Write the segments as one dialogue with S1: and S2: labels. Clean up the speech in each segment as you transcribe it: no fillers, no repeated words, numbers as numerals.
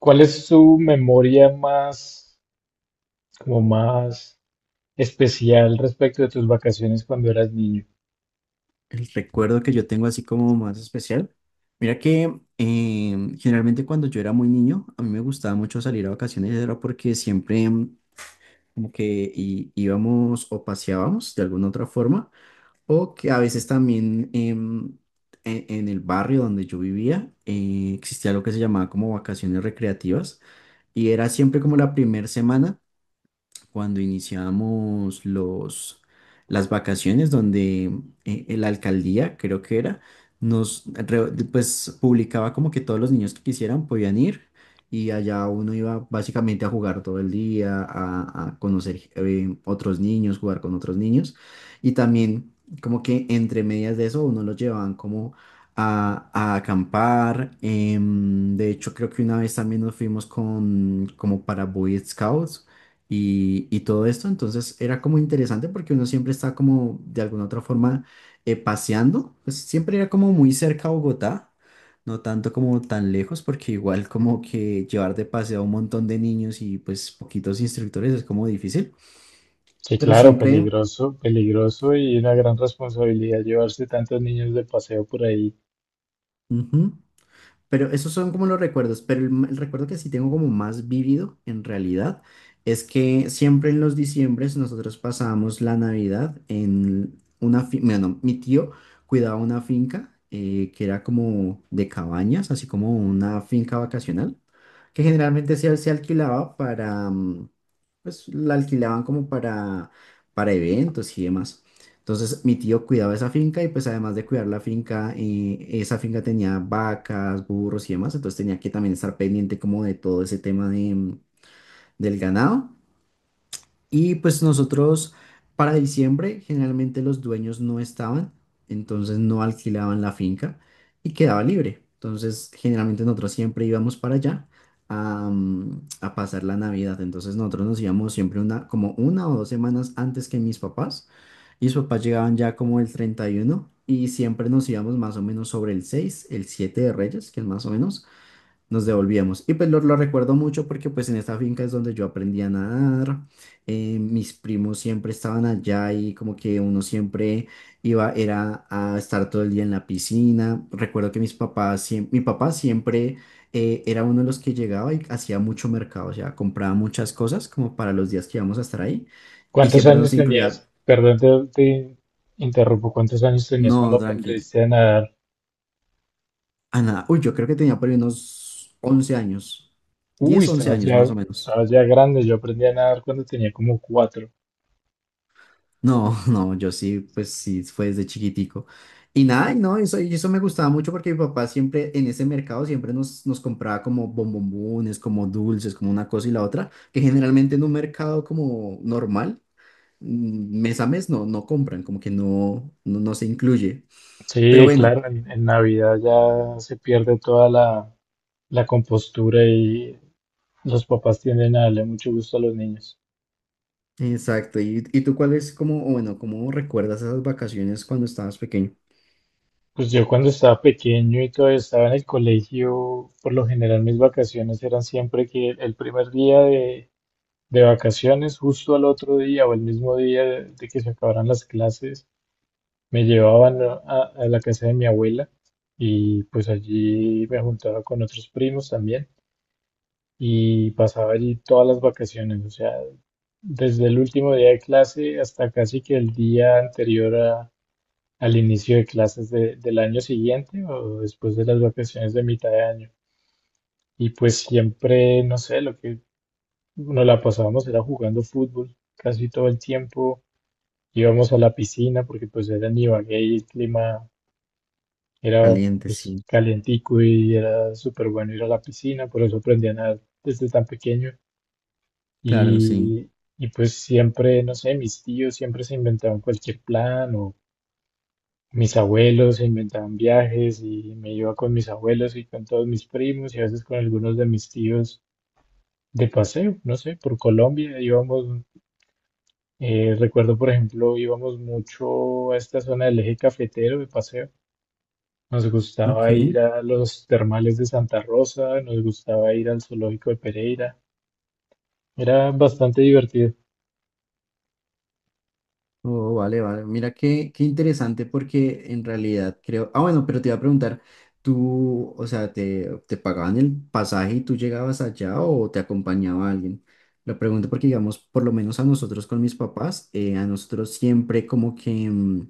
S1: ¿Cuál es su memoria más, como más especial respecto de tus vacaciones cuando eras niño?
S2: El recuerdo que yo tengo así como más especial. Mira que generalmente cuando yo era muy niño, a mí me gustaba mucho salir a vacaciones, era porque siempre como que íbamos o paseábamos de alguna otra forma, o que a veces también en el barrio donde yo vivía existía lo que se llamaba como vacaciones recreativas, y era siempre como la primera semana cuando iniciamos las vacaciones, donde la alcaldía, creo que era, pues, publicaba como que todos los niños que quisieran podían ir y allá uno iba básicamente a jugar todo el día, a conocer otros niños, jugar con otros niños y también como que entre medias de eso uno los llevaban como a acampar. De hecho, creo que una vez también nos fuimos como para Boy Scouts y todo esto. Entonces era como interesante porque uno siempre está como de alguna otra forma paseando, pues siempre era como muy cerca a Bogotá, no tanto como tan lejos, porque igual como que llevar de paseo a un montón de niños y pues poquitos instructores es como difícil,
S1: Que
S2: pero
S1: claro,
S2: siempre...
S1: peligroso, peligroso y una gran responsabilidad llevarse tantos niños de paseo por ahí.
S2: Ujú. Pero esos son como los recuerdos, pero el recuerdo que sí tengo como más vívido en realidad es que siempre en los diciembres nosotros pasábamos la Navidad en una finca. Bueno, mi tío cuidaba una finca que era como de cabañas, así como una finca vacacional, que generalmente se alquilaba pues la alquilaban como para eventos y demás. Entonces mi tío cuidaba esa finca y pues además de cuidar la finca, esa finca tenía vacas, burros y demás, entonces tenía que también estar pendiente como de todo ese tema del ganado. Y pues nosotros para diciembre generalmente los dueños no estaban, entonces no alquilaban la finca y quedaba libre. Entonces generalmente nosotros siempre íbamos para allá a pasar la Navidad. Entonces nosotros nos íbamos siempre como una o 2 semanas antes que mis papás. Y mis papás llegaban ya como el 31 y siempre nos íbamos más o menos sobre el 6 el 7 de Reyes, que es más o menos. Nos devolvíamos. Y pues lo recuerdo mucho porque pues en esta finca es donde yo aprendí a nadar. Mis primos siempre estaban allá y como que uno siempre iba, era a estar todo el día en la piscina. Recuerdo que mis papás, mi papá siempre era uno de los que llegaba y hacía mucho mercado, o sea, compraba muchas cosas como para los días que íbamos a estar ahí. Y
S1: ¿Cuántos
S2: siempre nos
S1: años
S2: incluía,
S1: tenías? Perdón, te interrumpo. ¿Cuántos años tenías
S2: no,
S1: cuando
S2: tranqui,
S1: aprendiste a nadar?
S2: a nada. Uy, yo creo que tenía por ahí unos 11 años,
S1: Uy,
S2: 10 11 años más o menos.
S1: estabas ya grande. Yo aprendí a nadar cuando tenía como 4.
S2: No, no, yo sí, pues sí, fue desde chiquitico. Y nada, y no, eso, y eso me gustaba mucho porque mi papá siempre en ese mercado siempre nos compraba como bombombones, como dulces, como una cosa y la otra, que generalmente en un mercado como normal, mes a mes no compran, como que no se incluye. Pero
S1: Sí,
S2: bueno,
S1: claro, en Navidad ya se pierde toda la compostura y los papás tienden a darle mucho gusto a los niños.
S2: exacto. ¿Y tú cuál es como, o bueno, cómo recuerdas esas vacaciones cuando estabas pequeño?
S1: Pues yo cuando estaba pequeño y todavía estaba en el colegio, por lo general mis vacaciones eran siempre que el primer día de vacaciones, justo al otro día o el mismo día de, que se acabaran las clases, me llevaban a la casa de mi abuela, y pues allí me juntaba con otros primos también y pasaba allí todas las vacaciones, o sea, desde el último día de clase hasta casi que el día anterior a al inicio de clases del año siguiente o después de las vacaciones de mitad de año. Y pues siempre, no sé, lo que nos la pasábamos era jugando fútbol casi todo el tiempo. Íbamos a la piscina porque pues era en Ibagué y el clima era
S2: Caliente,
S1: pues
S2: sí.
S1: calientico y era súper bueno ir a la piscina, por eso aprendí a nadar desde tan pequeño.
S2: Claro, sí.
S1: Y, y pues siempre, no sé, mis tíos siempre se inventaban cualquier plan o mis abuelos se inventaban viajes y me iba con mis abuelos y con todos mis primos y a veces con algunos de mis tíos de paseo, no sé, por Colombia íbamos, recuerdo, por ejemplo, íbamos mucho a esta zona del eje cafetero de paseo. Nos gustaba
S2: Ok.
S1: ir a los termales de Santa Rosa, nos gustaba ir al zoológico de Pereira. Era bastante divertido.
S2: Oh, vale, vale. Mira qué, qué interesante porque en realidad creo... Ah, bueno, pero te iba a preguntar, tú, o sea, ¿te pagaban el pasaje y tú llegabas allá o te acompañaba alguien? Lo pregunto porque, digamos, por lo menos a nosotros con mis papás, a nosotros siempre como que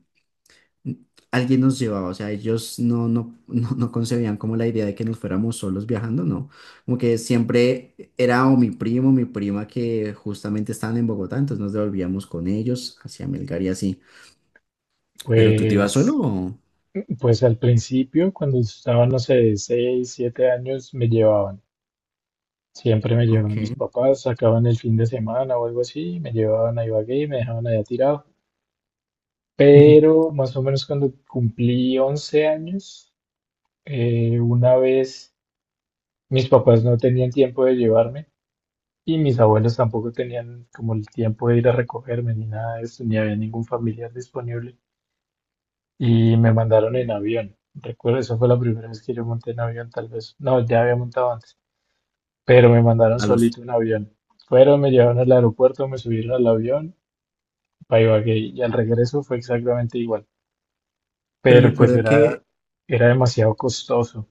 S2: alguien nos llevaba, o sea, ellos no, no concebían como la idea de que nos fuéramos solos viajando, no. Como que siempre era o mi primo o mi prima que justamente estaban en Bogotá, entonces nos devolvíamos con ellos hacia Melgar y así. ¿Pero tú te ibas solo?
S1: Pues,
S2: ¿O?
S1: pues al principio, cuando estaba, no sé, de 6, 7 años, me llevaban. Siempre me llevaban
S2: Ok.
S1: mis papás, sacaban el fin de semana o algo así, me llevaban a Ibagué y me dejaban allá tirado.
S2: Ujú.
S1: Pero más o menos cuando cumplí 11 años, una vez mis papás no tenían tiempo de llevarme y mis abuelos tampoco tenían como el tiempo de ir a recogerme ni nada de eso, ni había ningún familiar disponible. Y me mandaron en avión. Recuerdo, esa fue la primera vez que yo monté en avión, tal vez. No, ya había montado antes, pero me mandaron
S2: A los...
S1: solito en avión. Fueron, me llevaron al aeropuerto, me subieron al avión pa' Ibagué y al regreso fue exactamente igual,
S2: Pero
S1: pero pues
S2: recuerdo que
S1: era, era demasiado costoso,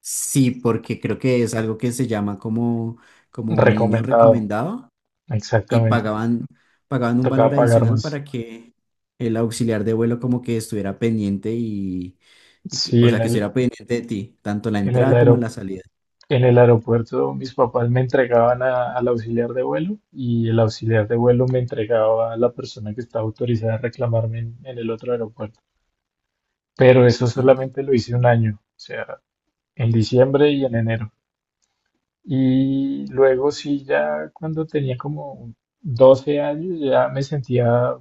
S2: sí, porque creo que es algo que se llama como, como niño
S1: recomendado,
S2: recomendado y
S1: exactamente,
S2: pagaban un valor
S1: tocaba pagar
S2: adicional
S1: más.
S2: para que el auxiliar de vuelo como que estuviera pendiente
S1: Sí,
S2: o sea, que estuviera pendiente de ti, tanto la
S1: en el
S2: entrada como la
S1: aero-
S2: salida.
S1: en el aeropuerto mis papás me entregaban al auxiliar de vuelo y el auxiliar de vuelo me entregaba a la persona que estaba autorizada a reclamarme en, el otro aeropuerto, pero eso
S2: Ah.
S1: solamente lo hice un año, o sea, en diciembre y en enero. Y luego sí, ya cuando tenía como 12 años, ya me sentía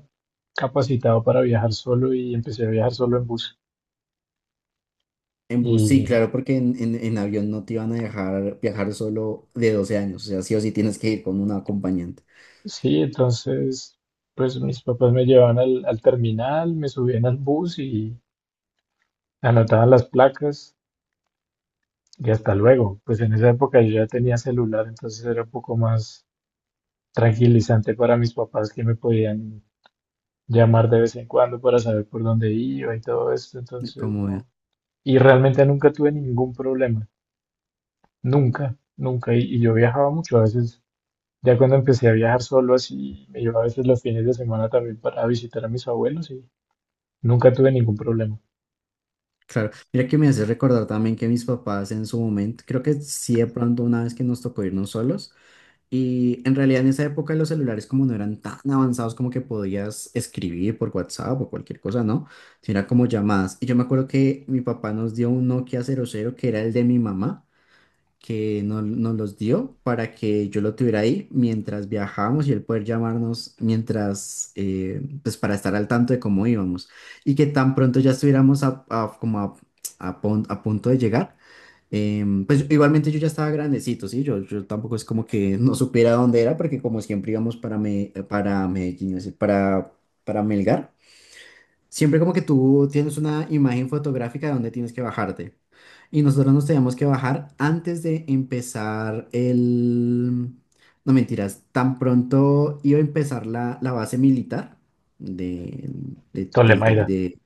S1: capacitado para viajar solo y empecé a viajar solo en bus.
S2: En bus, sí,
S1: Y
S2: claro, porque en avión no te iban a dejar viajar solo de 12 años, o sea, sí o sí tienes que ir con un acompañante.
S1: sí, entonces, pues mis papás me llevaban al terminal, me subían al bus y anotaban las placas y hasta luego. Pues en esa época yo ya tenía celular, entonces era un poco más tranquilizante para mis papás que me podían llamar de vez en cuando para saber por dónde iba y todo esto. Entonces,
S2: Como...
S1: no. Y realmente nunca tuve ningún problema, nunca, nunca. Y yo viajaba mucho, a veces, ya cuando empecé a viajar solo así, me llevaba a veces los fines de semana también para visitar a mis abuelos y nunca tuve ningún problema.
S2: Claro, mira que me hace recordar también que mis papás en su momento, creo que sí de pronto una vez que nos tocó irnos solos, y en realidad en esa época los celulares como no eran tan avanzados como que podías escribir por WhatsApp o cualquier cosa, ¿no? Sino era como llamadas. Y yo me acuerdo que mi papá nos dio un Nokia 00 que era el de mi mamá, que nos los dio para que yo lo tuviera ahí mientras viajábamos y él poder llamarnos mientras, pues para estar al tanto de cómo íbamos. Y que tan pronto ya estuviéramos a- como a pon- a punto de llegar. Pues igualmente yo ya estaba grandecito, ¿sí? Yo tampoco es como que no supiera dónde era, porque como siempre íbamos para Medellín, es decir, para, Melgar. Siempre como que tú tienes una imagen fotográfica de dónde tienes que bajarte. Y nosotros nos teníamos que bajar antes de empezar el... No mentiras, tan pronto iba a empezar la base militar de, de, del Tol-
S1: Tolemaida.
S2: de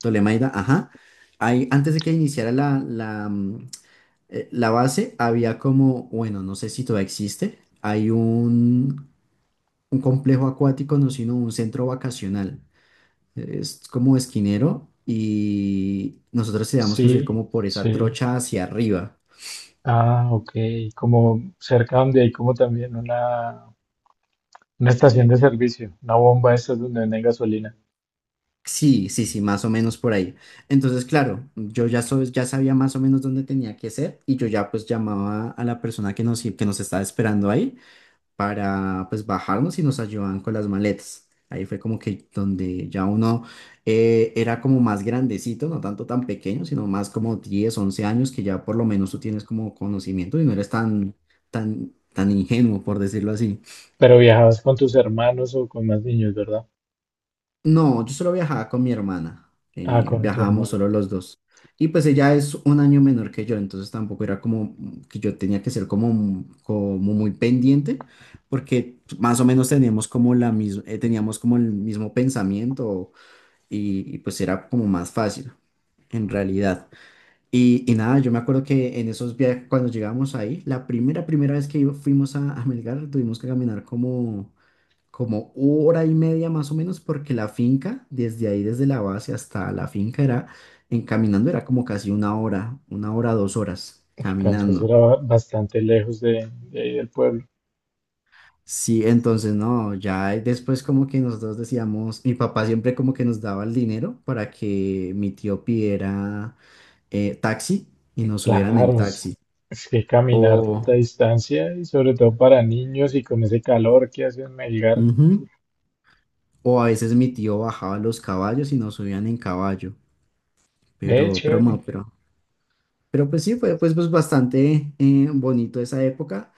S2: Ptolemaida. Ajá. Ahí, antes de que iniciara la base, había como, bueno, no sé si todavía existe, hay un complejo acuático, no, sino un centro vacacional, es como esquinero y nosotros teníamos que subir
S1: Sí,
S2: como por esa
S1: sí.
S2: trocha hacia arriba.
S1: Ah, ok. Como cerca donde hay como también una estación de servicio, una bomba esa donde venden gasolina.
S2: Sí, sí, sí, más o menos por ahí. Entonces, claro, yo ya sabía más o menos dónde tenía que ser, y yo ya pues llamaba a la persona que nos estaba esperando ahí para pues bajarnos y nos ayudaban con las maletas. Ahí fue como que donde ya uno era como más grandecito, no tanto tan pequeño, sino más como 10 11 años, que ya por lo menos tú tienes como conocimiento y no eres tan, tan, tan ingenuo, por decirlo así.
S1: Pero viajabas con tus hermanos o con más niños, ¿verdad?
S2: No, yo solo viajaba con mi hermana.
S1: Ah,
S2: eh,
S1: con tu
S2: viajábamos
S1: hermano.
S2: solo los dos. Y pues ella es un año menor que yo, entonces tampoco era como que yo tenía que ser como muy pendiente, porque más o menos teníamos como teníamos como el mismo pensamiento, y pues era como más fácil en realidad. Y nada, yo me acuerdo que en esos viajes, cuando llegamos ahí, la primera vez que fuimos a Melgar, tuvimos que caminar como hora y media más o menos, porque la finca, desde ahí, desde la base hasta la finca, era, en caminando era como casi una hora, 2 horas
S1: Uf, pero entonces
S2: caminando.
S1: era ba- bastante lejos de ahí del pueblo.
S2: Sí, entonces no, ya después como que nosotros decíamos, mi papá siempre como que nos daba el dinero para que mi tío pidiera taxi y nos subieran en
S1: Claro,
S2: taxi.
S1: es que caminar tanta
S2: O,
S1: distancia y sobre todo para niños y con ese calor que hace en Melgar.
S2: ujú, o a veces mi tío bajaba los caballos y nos subían en caballo,
S1: Ve,
S2: pero, no,
S1: chévere.
S2: pero. Pero pues sí, fue pues bastante bonito esa época,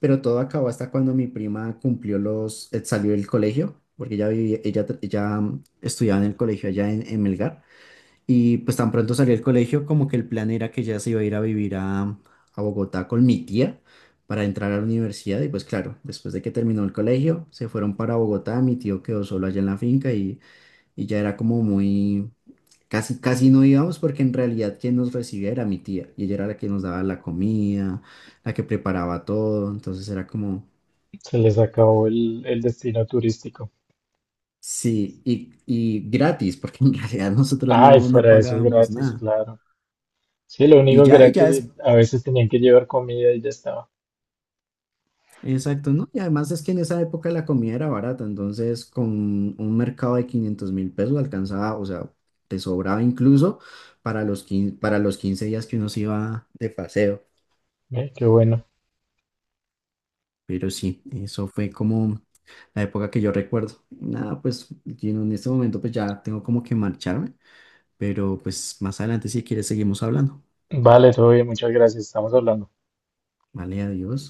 S2: pero todo acabó hasta cuando mi prima cumplió salió del colegio, porque ella vivía, ella, tra- ella mm, estudiaba en el colegio allá en Melgar, y pues tan pronto salió del colegio como que el plan era que ella se iba a ir a vivir a Bogotá con mi tía para entrar a la universidad, y pues claro, después de que terminó el colegio, se fueron para Bogotá, mi tío quedó solo allá en la finca y ya era como muy... Casi, casi no íbamos porque en realidad quien nos recibía era mi tía y ella era la que nos daba la comida, la que preparaba todo, entonces era como,
S1: Se les acabó el destino turístico.
S2: sí, y gratis porque en realidad nosotros
S1: Ay,
S2: no
S1: fuera de eso,
S2: pagábamos
S1: gratis,
S2: nada.
S1: claro. Sí, lo
S2: Y
S1: único que
S2: ya,
S1: era
S2: y ya es,
S1: que a veces tenían que llevar comida y ya estaba.
S2: exacto, ¿no? Y además es que en esa época la comida era barata, entonces con un mercado de 500.000 pesos alcanzaba, o sea, te sobraba incluso para los 15 días que uno se iba de paseo.
S1: Ve, qué bueno.
S2: Pero sí, eso fue como la época que yo recuerdo. Nada, pues Gino, en este momento pues ya tengo como que marcharme, pero pues más adelante si quieres seguimos hablando.
S1: Vale, todo bien, muchas gracias. Estamos hablando.
S2: Vale, adiós.